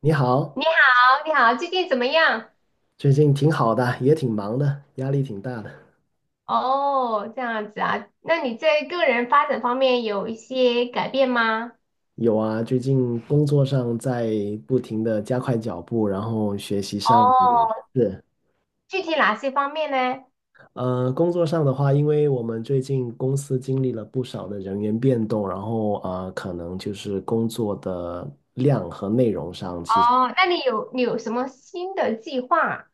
你好，你好，你好，最近怎么样？最近挺好的，也挺忙的，压力挺大的。哦，这样子啊，那你在个人发展方面有一些改变吗？有啊，最近工作上在不停的加快脚步，然后学习上也哦，是。具体哪些方面呢？工作上的话，因为我们最近公司经历了不少的人员变动，然后可能就是工作的量和内容上，其实哦，那你有什么新的计划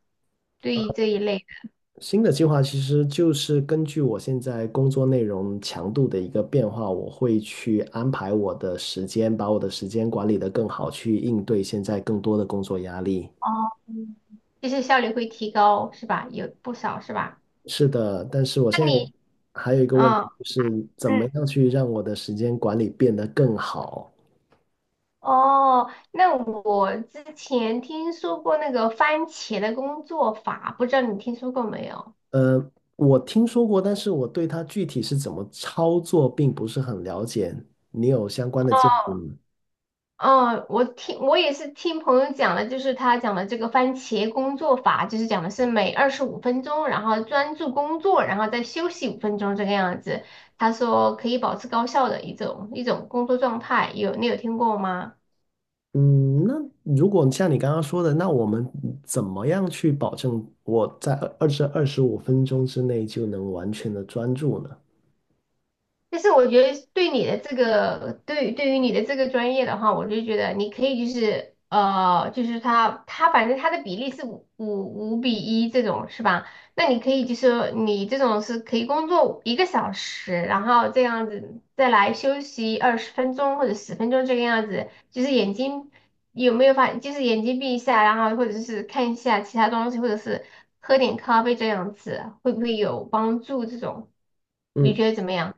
对于这一类的？新的计划其实就是根据我现在工作内容强度的一个变化，我会去安排我的时间，把我的时间管理得更好，去应对现在更多的工作压力。哦，就是效率会提高是吧？有不少是吧？是的，但是我现那在你，还有一个问题，嗯就是怎嗯，么样去让我的时间管理变得更好？哦，那我之前听说过那个番茄的工作法，不知道你听说过没有？呃，我听说过，但是我对它具体是怎么操作并不是很了解。你有相关的建议吗？嗯，我也是听朋友讲的，就是他讲的这个番茄工作法，就是讲的是每二十五分钟，然后专注工作，然后再休息五分钟这个样子。他说可以保持高效的一种工作状态，你有听过吗？嗯，那如果像你刚刚说的，那我们怎么样去保证我在二十五分钟之内就能完全的专注呢？但是我觉得对你的这个，对于你的这个专业的话，我就觉得你可以就是就是他反正他的比例是五比一这种是吧？那你可以就是说你这种是可以工作一个小时，然后这样子再来休息20分钟或者十分钟这个样子，就是眼睛有没有发，就是眼睛闭一下，然后或者是看一下其他东西，或者是喝点咖啡这样子，会不会有帮助？这种你嗯，觉得怎么样？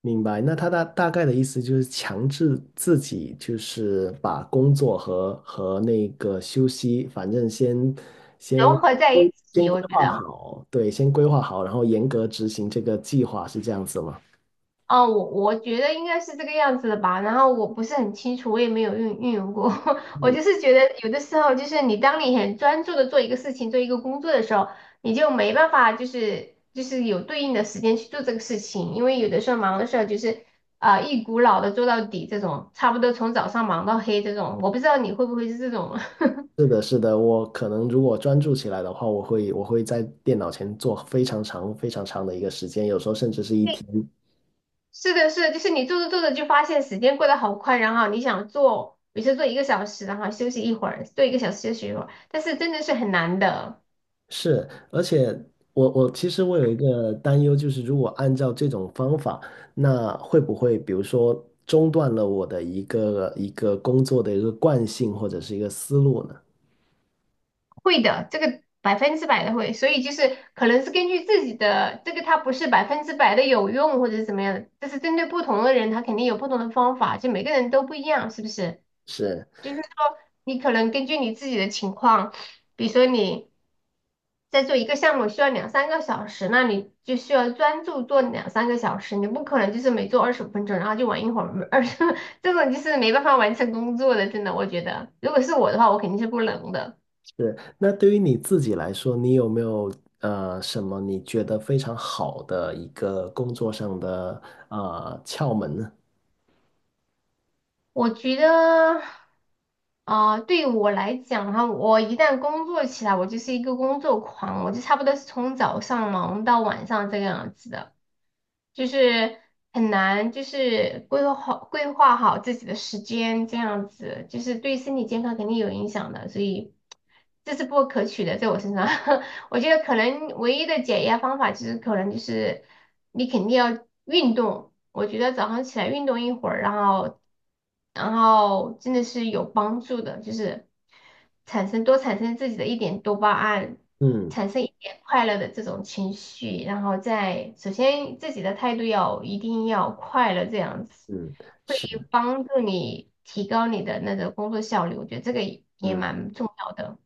明白。那他大概的意思就是强制自己，就是把工作和那个休息，反正先融合在一规先起，规我觉划得，好，对，先规划好，然后严格执行这个计划，是这样子吗？哦，我觉得应该是这个样子的吧。然后我不是很清楚，我也没有运用过。我就嗯，是觉得有的时候，就是你当你很专注的做一个事情、做一个工作的时候，你就没办法，就是有对应的时间去做这个事情，因为有的时候忙的时候就是一股脑的做到底这种，差不多从早上忙到黑这种。我不知道你会不会是这种。是的，是的，我可能如果专注起来的话，我会在电脑前做非常长、非常长的一个时间，有时候甚至是一天。是的，是的，就是你做着做着就发现时间过得好快，然后你想做，比如说做一个小时，然后休息一会儿，做一个小时休息一会儿，但是真的是很难的，是，而且我其实我有一个担忧，就是如果按照这种方法，那会不会比如说中断了我的一个工作的一个惯性或者是一个思路呢？会的，这个百分之百的会，所以就是可能是根据自己的这个，它不是百分之百的有用或者是怎么样的，就是针对不同的人，他肯定有不同的方法，就每个人都不一样，是不是？是就是说你可能根据你自己的情况，比如说你在做一个项目需要两三个小时，那你就需要专注做两三个小时，你不可能就是每做二十五分钟，然后就玩一会儿二十，这种就是没办法完成工作的，真的，我觉得，如果是我的话，我肯定是不能的。是，那对于你自己来说，你有没有什么你觉得非常好的一个工作上的窍门呢？我觉得，对我来讲哈，我一旦工作起来，我就是一个工作狂，我就差不多是从早上忙到晚上这个样子的，就是很难，就是规划好自己的时间，这样子，就是对身体健康肯定有影响的，所以这是不可取的，在我身上。我觉得可能唯一的解压方法就是可能就是你肯定要运动。我觉得早上起来运动一会儿，然后真的是有帮助的，就是产生自己的一点多巴胺，嗯产生一点快乐的这种情绪，然后再首先自己的态度要一定要快乐，这样子嗯，会是，帮助你提高你的那个工作效率。我觉得这个也嗯，蛮重要的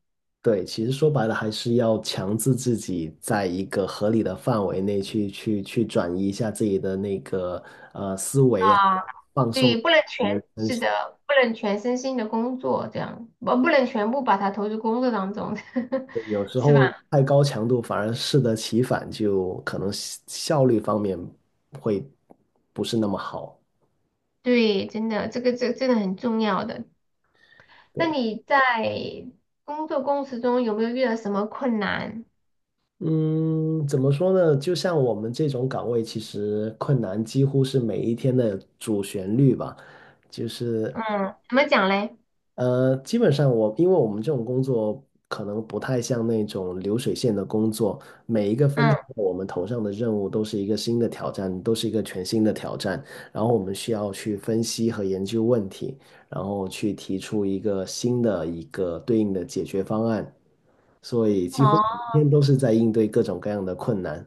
对，其实说白了还是要强制自己在一个合理的范围内去转移一下自己的那个思维啊，啊。放松一对，不能下你的全，身是心。的，不能全身心的工作，这样，我不能全部把它投入工作当中，有时是吧？候太高强度反而适得其反，就可能效率方面会不是那么好。对，真的，这真的很重要的。那你在工作过程中有没有遇到什么困难？嗯，怎么说呢？就像我们这种岗位，其实困难几乎是每一天的主旋律吧。就是嗯，怎么讲嘞？基本上我，因为我们这种工作可能不太像那种流水线的工作，每一个分配嗯，到我们头上的任务都是一个新的挑战，都是一个全新的挑战。然后我们需要去分析和研究问题，然后去提出一个新的一个对应的解决方案。所以几乎哦每天都是在应对各种各样的困难。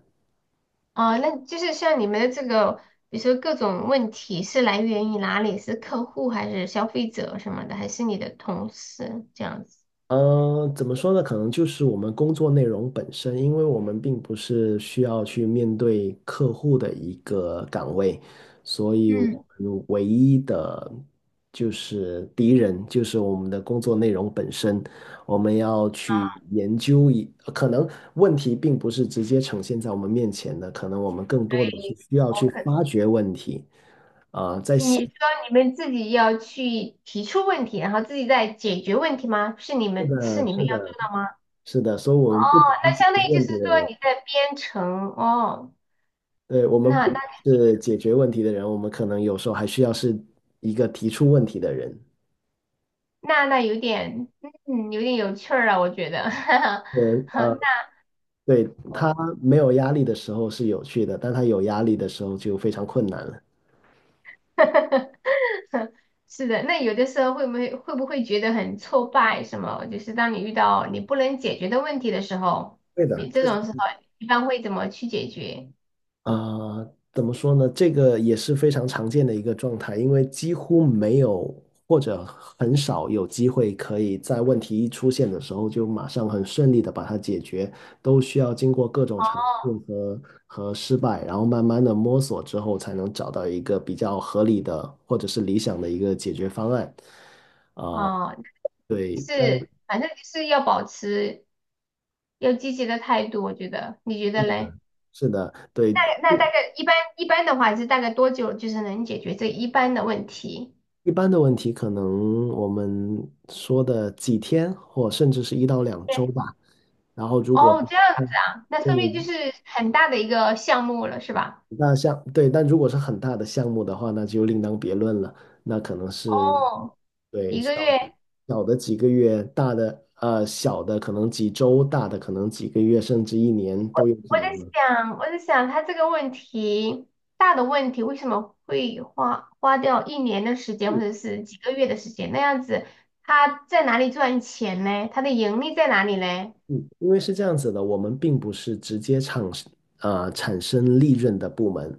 哦，那就是像你们的这个，比如说各种问题是来源于哪里？是客户还是消费者什么的，还是你的同事这样子？嗯，怎么说呢？可能就是我们工作内容本身，因为我们并不是需要去面对客户的一个岗位，所以嗯。我们唯一的就是敌人就是我们的工作内容本身。我们要去研究一，可能问题并不是直接呈现在我们面前的，可能我们更对，多的是需要我去可发掘问题。啊、在现，你说你们自己要去提出问题，然后自己再解决问题吗？是你们是要做的，的吗？是的，所以我们哦，不仅那是解相决当于就问是题的说人。你在编程哦，对，我那们不那是解决问题的人，我们可能有时候还需要是一个提出问题的人。那有点有点有趣儿啊，我觉得，哈呃，哈那对，我 他没有压力的时候是有趣的，但他有压力的时候就非常困难了。是的，那有的时候会不会觉得很挫败？什么？就是当你遇到你不能解决的问题的时候，对的，你这种时候一般会怎么去解决？啊、怎么说呢？这个也是非常常见的一个状态，因为几乎没有或者很少有机会可以在问题一出现的时候就马上很顺利的把它解决，都需要经过各种尝试和失败，然后慢慢的摸索之后，才能找到一个比较合理的或者是理想的一个解决方案。啊、哦，就对，但是反正就是要保持。要积极的态度，我觉得，你觉得嘞？是的，对。那大概一般的话是大概多久就是能解决这一般的问题？一般的问题，可能我们说的几天，或甚至是一到两周对，吧。然后，如果哦，这样子嗯，啊，那说明就嗯，是很大的一个项目了，是吧？那像对，但如果是很大的项目的话，那就另当别论了。那可能是哦，对一小个的月，几个月，大的小的可能几周，大的可能几个月，甚至一年都有可能的。我在想他这个问题，大的问题为什么会花掉一年的时间或者是几个月的时间？那样子他在哪里赚钱呢？他的盈利在哪里呢？嗯，因为是这样子的，我们并不是直接产生利润的部门。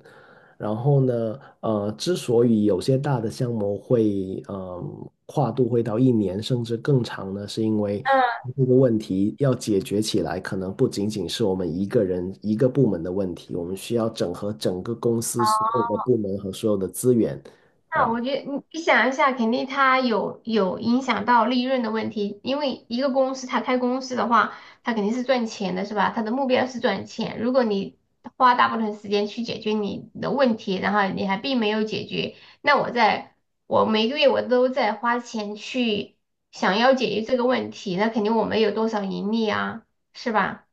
然后呢，之所以有些大的项目会跨度会到一年甚至更长呢，是因为嗯。这个问题要解决起来，可能不仅仅是我们一个人一个部门的问题，我们需要整合整个公司所有的部门和所有的资源。那啊，我觉得你想一下，肯定它有影响到利润的问题，因为一个公司它开公司的话，它肯定是赚钱的，是吧？它的目标是赚钱。如果你花大部分时间去解决你的问题，然后你还并没有解决，那我在我每个月我都在花钱去想要解决这个问题，那肯定我没有多少盈利啊，是吧？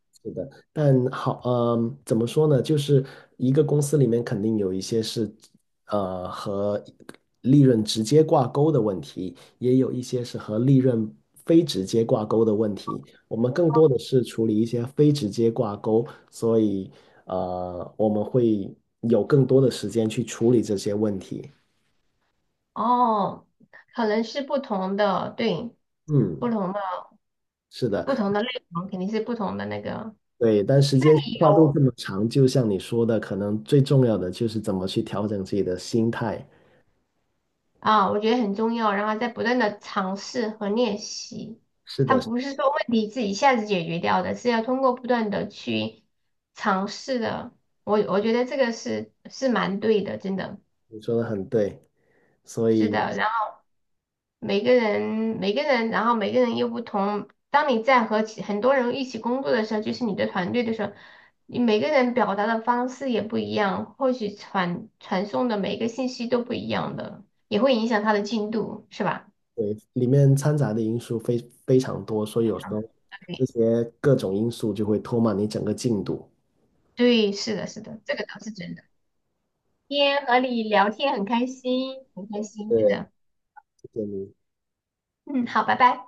但好，嗯，怎么说呢？就是一个公司里面肯定有一些是，和利润直接挂钩的问题，也有一些是和利润非直接挂钩的问题。我们更多的是处理一些非直接挂钩，所以，我们会有更多的时间去处理这些问题。哦，可能是不同的，对，不嗯，同的是的，不同的内容肯定是不同的那个。对，但时间跨度有这么长，就像你说的，可能最重要的就是怎么去调整自己的心态。啊，我觉得很重要，然后在不断的尝试和练习，是它的。不是说问题自己一下子解决掉的，是要通过不断的去尝试的。我觉得这个是蛮对的，真的你说的很对，所是的。以然后每个人每个人，然后每个人又不同。当你在和很多人一起工作的时候，就是你的团队的时候，你每个人表达的方式也不一样，或许传送的每个信息都不一样的，也会影响他的进度，是吧？对里面掺杂的因素非常多，所以有时候这对，些各种因素就会拖慢你整个进度。对，是的，是的，这个倒是真的。今天和你聊天很开心，很开心，真对，的。谢谢你。嗯，好，拜拜。